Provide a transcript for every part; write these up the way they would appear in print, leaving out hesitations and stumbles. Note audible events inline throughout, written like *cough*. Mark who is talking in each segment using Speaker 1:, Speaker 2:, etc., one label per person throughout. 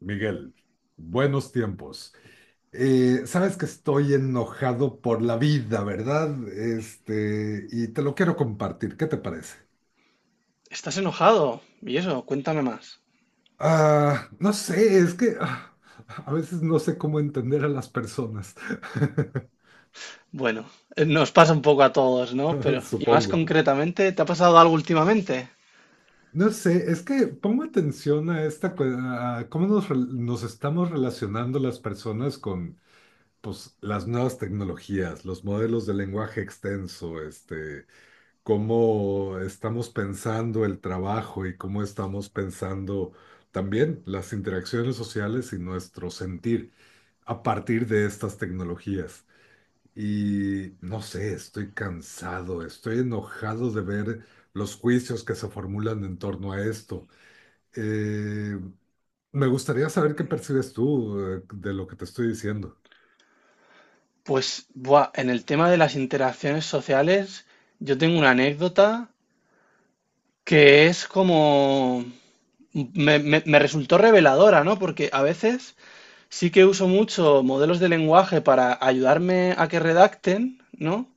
Speaker 1: Miguel, buenos tiempos. Sabes que estoy enojado por la vida, ¿verdad? Y te lo quiero compartir. ¿Qué te parece?
Speaker 2: Estás enojado. ¿Y eso? Cuéntame más.
Speaker 1: No sé, es que a veces no sé cómo entender a las personas. *laughs*
Speaker 2: Bueno, nos pasa un poco a todos, ¿no? Pero, y más
Speaker 1: Supongo.
Speaker 2: concretamente, ¿te ha pasado algo últimamente?
Speaker 1: No sé, es que pongo atención a a cómo nos estamos relacionando las personas con, pues, las nuevas tecnologías, los modelos de lenguaje extenso, Cómo estamos pensando el trabajo y cómo estamos pensando también las interacciones sociales y nuestro sentir a partir de estas tecnologías. Y no sé, estoy cansado, estoy enojado de ver los juicios que se formulan en torno a esto. Eh, Me gustaría saber qué percibes tú de lo que te estoy diciendo.
Speaker 2: Pues, buah, en el tema de las interacciones sociales, yo tengo una anécdota que es como... me resultó reveladora, ¿no? Porque a veces sí que uso mucho modelos de lenguaje para ayudarme a que redacten, ¿no?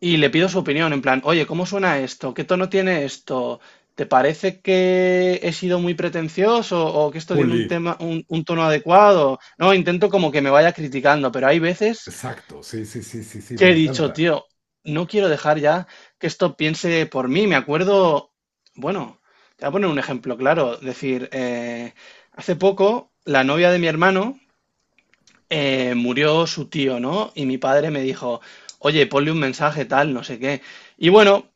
Speaker 2: Y le pido su opinión, en plan, oye, ¿cómo suena esto? ¿Qué tono tiene esto? ¿Te parece que he sido muy pretencioso o que esto tiene un
Speaker 1: Pulir.
Speaker 2: tema, un tono adecuado? No, intento como que me vaya criticando, pero hay veces
Speaker 1: Exacto, sí, sí, sí, sí, sí,
Speaker 2: que
Speaker 1: me
Speaker 2: he dicho,
Speaker 1: encanta.
Speaker 2: tío, no quiero dejar ya que esto piense por mí. Me acuerdo, bueno, te voy a poner un ejemplo claro, decir, hace poco la novia de mi hermano murió su tío, ¿no? Y mi padre me dijo, oye, ponle un mensaje tal, no sé qué. Y bueno,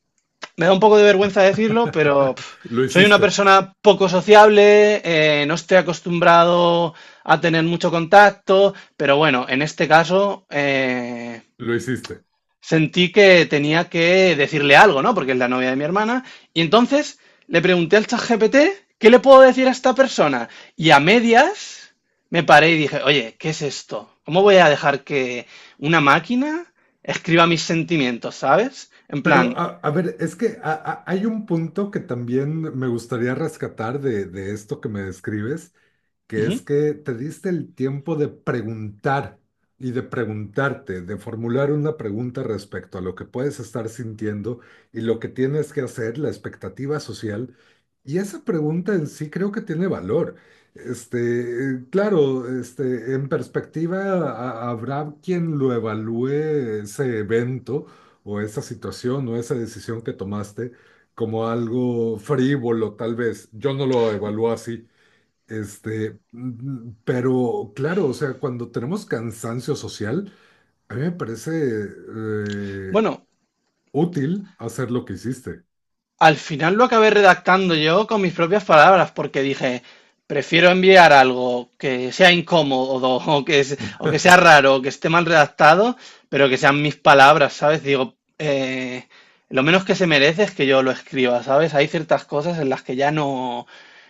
Speaker 2: me da un poco de vergüenza decirlo, pero
Speaker 1: *laughs*
Speaker 2: pf,
Speaker 1: Lo
Speaker 2: soy una
Speaker 1: hiciste,
Speaker 2: persona poco sociable, no estoy acostumbrado a tener mucho contacto, pero bueno, en este caso
Speaker 1: lo hiciste.
Speaker 2: sentí que tenía que decirle algo, ¿no? Porque es la novia de mi hermana. Y entonces le pregunté al ChatGPT, ¿qué le puedo decir a esta persona? Y a medias me paré y dije, oye, ¿qué es esto? ¿Cómo voy a dejar que una máquina escriba mis sentimientos, ¿sabes? En
Speaker 1: Pero
Speaker 2: plan,
Speaker 1: a ver, es que hay un punto que también me gustaría rescatar de esto que me describes, que
Speaker 2: ujú.
Speaker 1: es que te diste el tiempo de preguntar y de preguntarte, de formular una pregunta respecto a lo que puedes estar sintiendo y lo que tienes que hacer, la expectativa social. Y esa pregunta en sí creo que tiene valor. Claro, en perspectiva habrá quien lo evalúe ese evento o esa situación o esa decisión que tomaste como algo frívolo, tal vez. Yo no lo evalúo así. Este, mm, pero claro, o sea, cuando tenemos cansancio social, a mí me parece
Speaker 2: Bueno,
Speaker 1: útil hacer lo que hiciste.
Speaker 2: al final lo acabé redactando yo con mis propias palabras, porque dije, prefiero enviar algo que sea incómodo *laughs* o que, o que sea raro o que esté mal redactado, pero que sean mis palabras, ¿sabes? Digo, lo menos que se merece es que yo lo escriba, ¿sabes? Hay ciertas cosas en las que ya no,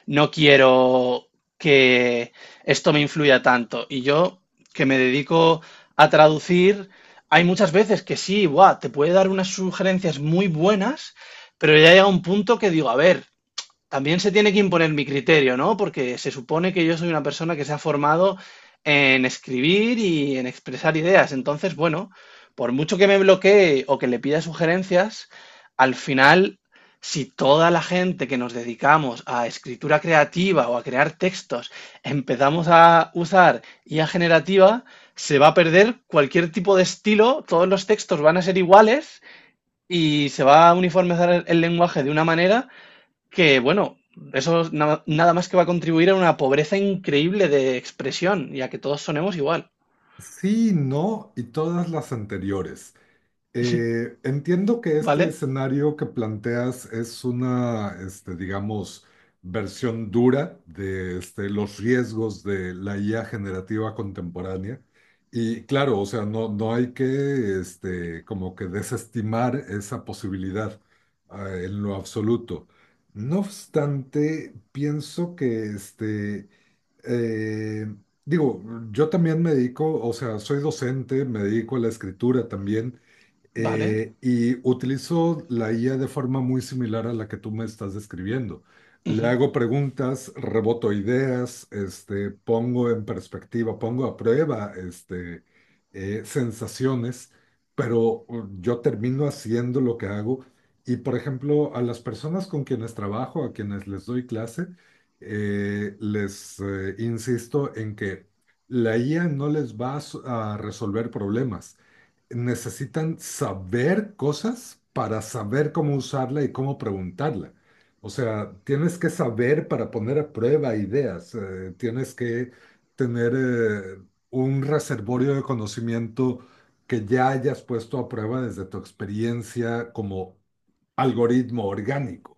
Speaker 2: no quiero que esto me influya tanto. Y yo, que me dedico a traducir, hay muchas veces que sí, buah, te puede dar unas sugerencias muy buenas pero ya llega un punto que digo, a ver, también se tiene que imponer mi criterio, ¿no? Porque se supone que yo soy una persona que se ha formado en escribir y en expresar ideas. Entonces, bueno, por mucho que me bloquee o que le pida sugerencias, al final, si toda la gente que nos dedicamos a escritura creativa o a crear textos empezamos a usar IA generativa, se va a perder cualquier tipo de estilo, todos los textos van a ser iguales y se va a uniformizar el lenguaje de una manera que, bueno, eso es nada más que va a contribuir a una pobreza increíble de expresión y a que todos sonemos igual.
Speaker 1: Sí, no y todas las anteriores. Entiendo que este
Speaker 2: ¿Vale?
Speaker 1: escenario que planteas es una, digamos, versión dura de los riesgos de la IA generativa contemporánea. Y claro, o sea, no, no hay que, como que desestimar esa posibilidad, en lo absoluto. No obstante, pienso que, eh, digo, yo también me dedico, o sea, soy docente, me dedico a la escritura también.
Speaker 2: ¿Vale?
Speaker 1: Y utilizo la IA de forma muy similar a la que tú me estás describiendo. Le
Speaker 2: Ujú.
Speaker 1: hago preguntas, reboto ideas, pongo en perspectiva, pongo a prueba, sensaciones, pero yo termino haciendo lo que hago. Y por ejemplo, a las personas con quienes trabajo, a quienes les doy clase, les insisto en que la IA no les va a a resolver problemas. Necesitan saber cosas para saber cómo usarla y cómo preguntarla. O sea, tienes que saber para poner a prueba ideas, tienes que tener un reservorio de conocimiento que ya hayas puesto a prueba desde tu experiencia como algoritmo orgánico.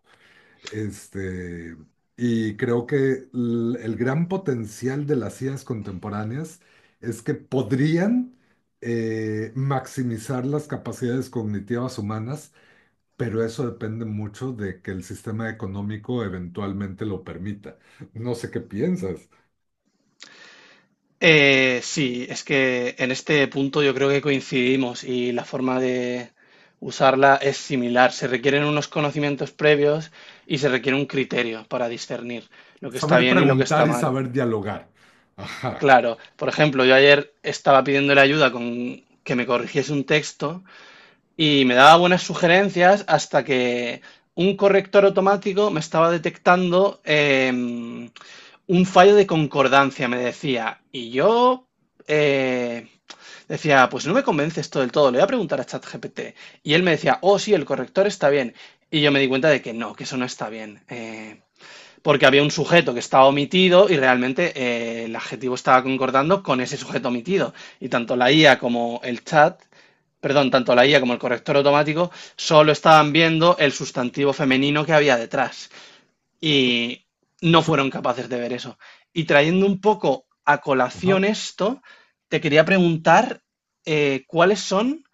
Speaker 1: Este, y creo que el gran potencial de las IAs contemporáneas es que podrían maximizar las capacidades cognitivas humanas, pero eso depende mucho de que el sistema económico eventualmente lo permita. No sé qué piensas.
Speaker 2: Sí, es que en este punto yo creo que coincidimos y la forma de usarla es similar. Se requieren unos conocimientos previos y se requiere un criterio para discernir lo que está
Speaker 1: Saber
Speaker 2: bien y lo que
Speaker 1: preguntar
Speaker 2: está
Speaker 1: y
Speaker 2: mal.
Speaker 1: saber dialogar. Ajá,
Speaker 2: Claro, por ejemplo, yo ayer estaba pidiéndole ayuda con que me corrigiese un texto y me daba buenas sugerencias hasta que un corrector automático me estaba detectando un fallo de concordancia, me decía. Y yo eh, decía, pues no me convence esto del todo, le voy a preguntar a ChatGPT. Y él me decía, oh sí, el corrector está bien. Y yo me di cuenta de que no, que eso no está bien. Porque había un sujeto que estaba omitido y realmente el adjetivo estaba concordando con ese sujeto omitido. Y tanto la IA como el chat, perdón, tanto la IA como el corrector automático solo estaban viendo el sustantivo femenino que había detrás. Y no fueron capaces de ver eso. Y trayendo un poco a
Speaker 1: ajá.
Speaker 2: colación esto, te quería preguntar cuáles son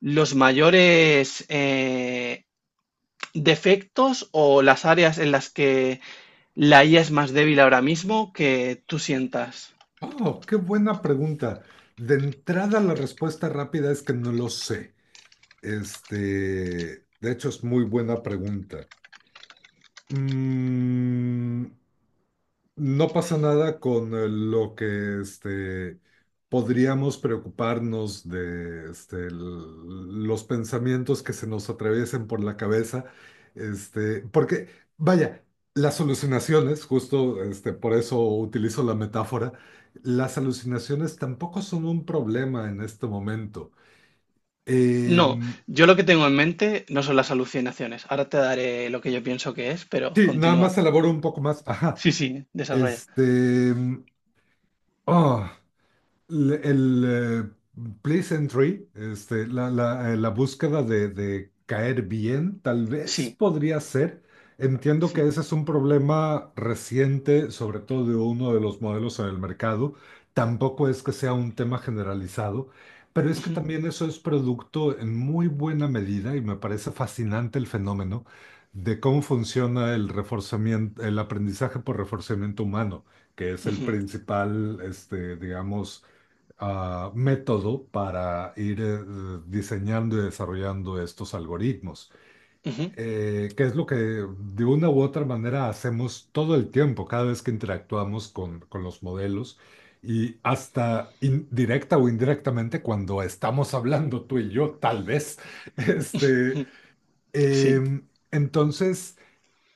Speaker 2: los mayores defectos o las áreas en las que la IA es más débil ahora mismo que tú sientas.
Speaker 1: Oh, qué buena pregunta. De entrada, la respuesta rápida es que no lo sé. Este, de hecho, es muy buena pregunta. Mm, no pasa nada con lo que podríamos preocuparnos de los pensamientos que se nos atraviesen por la cabeza. Porque, vaya, las alucinaciones, justo por eso utilizo la metáfora, las alucinaciones tampoco son un problema en este momento.
Speaker 2: No,
Speaker 1: Em,
Speaker 2: yo lo que tengo en mente no son las alucinaciones. Ahora te daré lo que yo pienso que es, pero
Speaker 1: Sí, nada más
Speaker 2: continúa.
Speaker 1: elaboro un poco más. Ajá.
Speaker 2: Sí, sí, desarrolla.
Speaker 1: Este. mm, ah, el pleasantry, la búsqueda de caer bien, tal vez
Speaker 2: Sí,
Speaker 1: podría ser. Entiendo que
Speaker 2: sí.
Speaker 1: ese es un problema reciente, sobre todo de uno de los modelos en el mercado. Tampoco es que sea un tema generalizado, pero es que
Speaker 2: Ujú,
Speaker 1: también eso es producto en muy buena medida y me parece fascinante el fenómeno de cómo funciona el reforzamiento, el aprendizaje por reforzamiento humano, que es el
Speaker 2: ujú,
Speaker 1: principal, digamos, método para ir diseñando y desarrollando estos algoritmos,
Speaker 2: ujú.
Speaker 1: que es lo que de una u otra manera hacemos todo el tiempo, cada vez que interactuamos con los modelos y hasta directa o indirectamente cuando estamos hablando tú y yo, tal vez. *laughs* Este,
Speaker 2: Sí.
Speaker 1: entonces...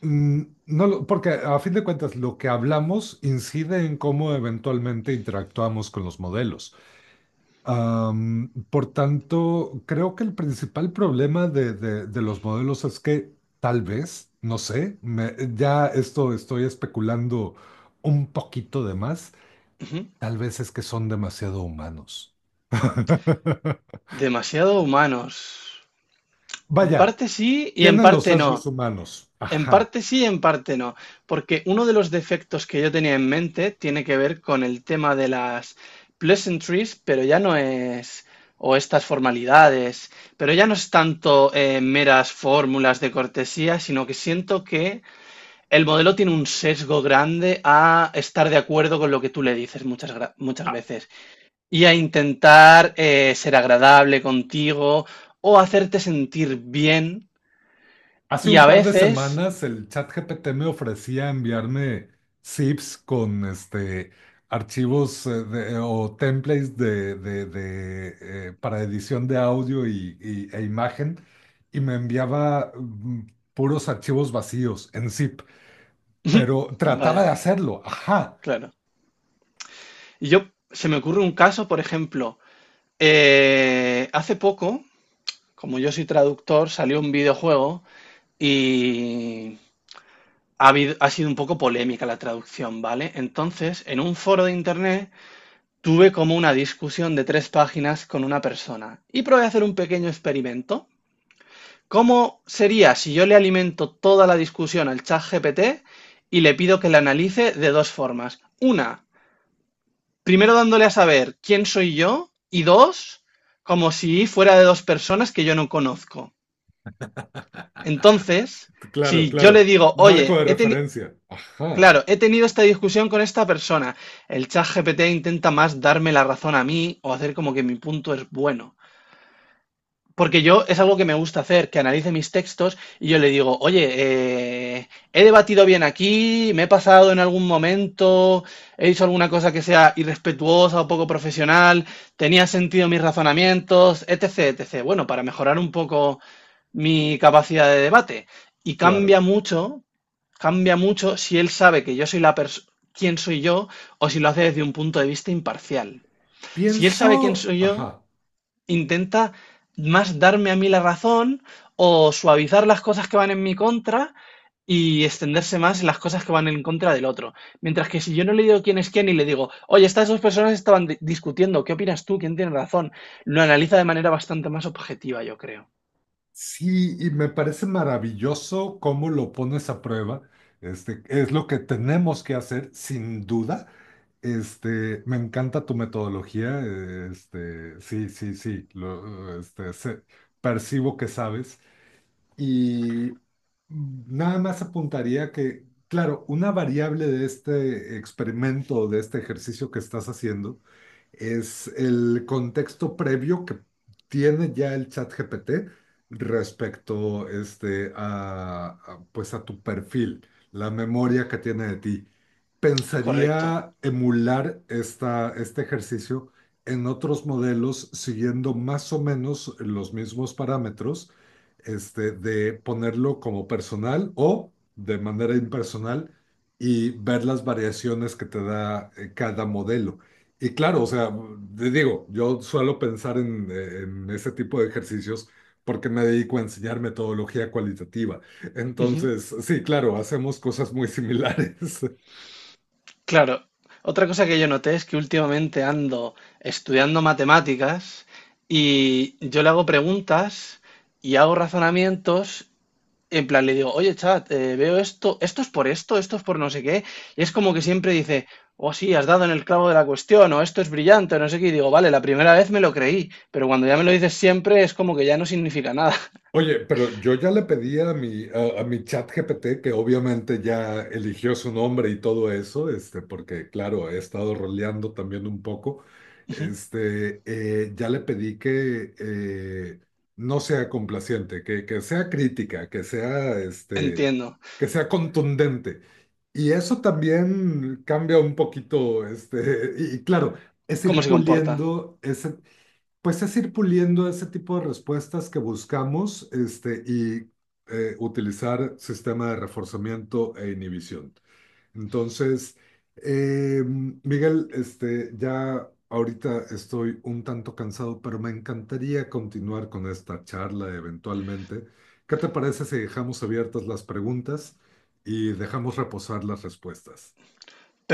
Speaker 1: No, porque a fin de cuentas lo que hablamos incide en cómo eventualmente interactuamos con los modelos. Por tanto, creo que el principal problema de los modelos es que tal vez, no sé, ya esto estoy especulando un poquito de más,
Speaker 2: Ujú.
Speaker 1: tal vez es que son demasiado humanos. *laughs*
Speaker 2: Demasiado humanos. En
Speaker 1: Vaya,
Speaker 2: parte sí y en
Speaker 1: tienen los
Speaker 2: parte
Speaker 1: rasgos
Speaker 2: no.
Speaker 1: humanos.
Speaker 2: En
Speaker 1: Ajá.
Speaker 2: parte sí, en parte no, porque uno de los defectos que yo tenía en mente tiene que ver con el tema de las pleasantries, pero ya no es, o estas formalidades, pero ya no es tanto meras fórmulas de cortesía, sino que siento que el modelo tiene un sesgo grande a estar de acuerdo con lo que tú le dices muchas, muchas veces y a intentar ser agradable contigo o hacerte sentir bien
Speaker 1: Hace
Speaker 2: y
Speaker 1: un
Speaker 2: a
Speaker 1: par de
Speaker 2: veces...
Speaker 1: semanas el chat GPT me ofrecía enviarme zips con archivos o templates para edición de audio e imagen y me enviaba puros archivos vacíos en zip, pero
Speaker 2: *laughs*
Speaker 1: trataba
Speaker 2: Vaya.
Speaker 1: de hacerlo. Ajá,
Speaker 2: Claro. Y yo, se me ocurre un caso, por ejemplo, hace poco, como yo soy traductor, salió un videojuego y ha sido un poco polémica la traducción, ¿vale? Entonces, en un foro de internet tuve como una discusión de 3 páginas con una persona y probé a hacer un pequeño experimento. ¿Cómo sería si yo le alimento toda la discusión al chat GPT y le pido que la analice de 2 formas? Una, primero dándole a saber quién soy yo y dos, como si fuera de dos personas que yo no conozco. Entonces,
Speaker 1: claro,
Speaker 2: si yo le
Speaker 1: claro.
Speaker 2: digo,
Speaker 1: Marco
Speaker 2: oye,
Speaker 1: de
Speaker 2: he tenido...
Speaker 1: referencia. Ajá,
Speaker 2: Claro, he tenido esta discusión con esta persona. El chat GPT intenta más darme la razón a mí o hacer como que mi punto es bueno. Porque yo es algo que me gusta hacer, que analice mis textos y yo le digo, oye, he debatido bien aquí, me he pasado en algún momento, he hecho alguna cosa que sea irrespetuosa o poco profesional, tenía sentido mis razonamientos, etc., etc. Bueno, para mejorar un poco mi capacidad de debate. Y
Speaker 1: claro.
Speaker 2: cambia mucho si él sabe que yo soy la persona, quién soy yo, o si lo hace desde un punto de vista imparcial. Si él sabe quién
Speaker 1: Pienso,
Speaker 2: soy yo,
Speaker 1: ajá.
Speaker 2: intenta más darme a mí la razón o suavizar las cosas que van en mi contra y extenderse más las cosas que van en contra del otro. Mientras que si yo no le digo quién es quién y le digo, oye, estas dos personas estaban discutiendo, ¿qué opinas tú? ¿Quién tiene razón? Lo analiza de manera bastante más objetiva, yo creo.
Speaker 1: Sí, y me parece maravilloso cómo lo pones a prueba. Es lo que tenemos que hacer, sin duda. Me encanta tu metodología. Sí, sí, sí. Percibo que sabes. Y nada más apuntaría que, claro, una variable de este experimento, de este ejercicio que estás haciendo, es el contexto previo que tiene ya el chat GPT respecto a, pues a tu perfil, la memoria que tiene de ti.
Speaker 2: Correcto.
Speaker 1: Pensaría emular este ejercicio en otros modelos siguiendo más o menos los mismos parámetros de ponerlo como personal o de manera impersonal y ver las variaciones que te da cada modelo. Y claro, o sea, te digo, yo suelo pensar en ese tipo de ejercicios porque me dedico a enseñar metodología cualitativa.
Speaker 2: Ujú.
Speaker 1: Entonces, sí, claro, hacemos cosas muy similares. *laughs*
Speaker 2: Claro. Otra cosa que yo noté es que últimamente ando estudiando matemáticas y yo le hago preguntas y hago razonamientos. En plan, le digo, oye, chat, veo esto, esto es por esto, esto es por no sé qué. Y es como que siempre dice, oh, sí, has dado en el clavo de la cuestión, o esto es brillante, o no sé qué. Y digo, vale, la primera vez me lo creí, pero cuando ya me lo dices siempre es como que ya no significa nada. *laughs*
Speaker 1: Oye, pero yo ya le pedí a mi chat GPT, que obviamente ya eligió su nombre y todo eso, porque claro, he estado roleando también un poco,
Speaker 2: Ujú.
Speaker 1: ya le pedí que no sea complaciente, que sea crítica, que sea,
Speaker 2: Entiendo
Speaker 1: que sea contundente. Y eso también cambia un poquito, y claro, es
Speaker 2: cómo
Speaker 1: ir
Speaker 2: se comporta.
Speaker 1: puliendo ese es ir puliendo ese tipo de respuestas que buscamos, y utilizar sistema de reforzamiento e inhibición. Entonces, eh, Miguel, ya ahorita estoy un tanto cansado, pero me encantaría continuar con esta charla eventualmente. ¿Qué te parece si dejamos abiertas las preguntas y dejamos reposar las respuestas?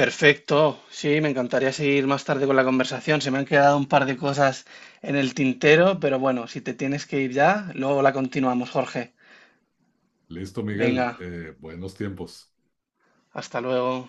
Speaker 2: Perfecto, sí, me encantaría seguir más tarde con la conversación. Se me han quedado un par de cosas en el tintero, pero bueno, si te tienes que ir ya, luego la continuamos, Jorge.
Speaker 1: Listo, Miguel.
Speaker 2: Venga,
Speaker 1: Buenos tiempos.
Speaker 2: hasta luego.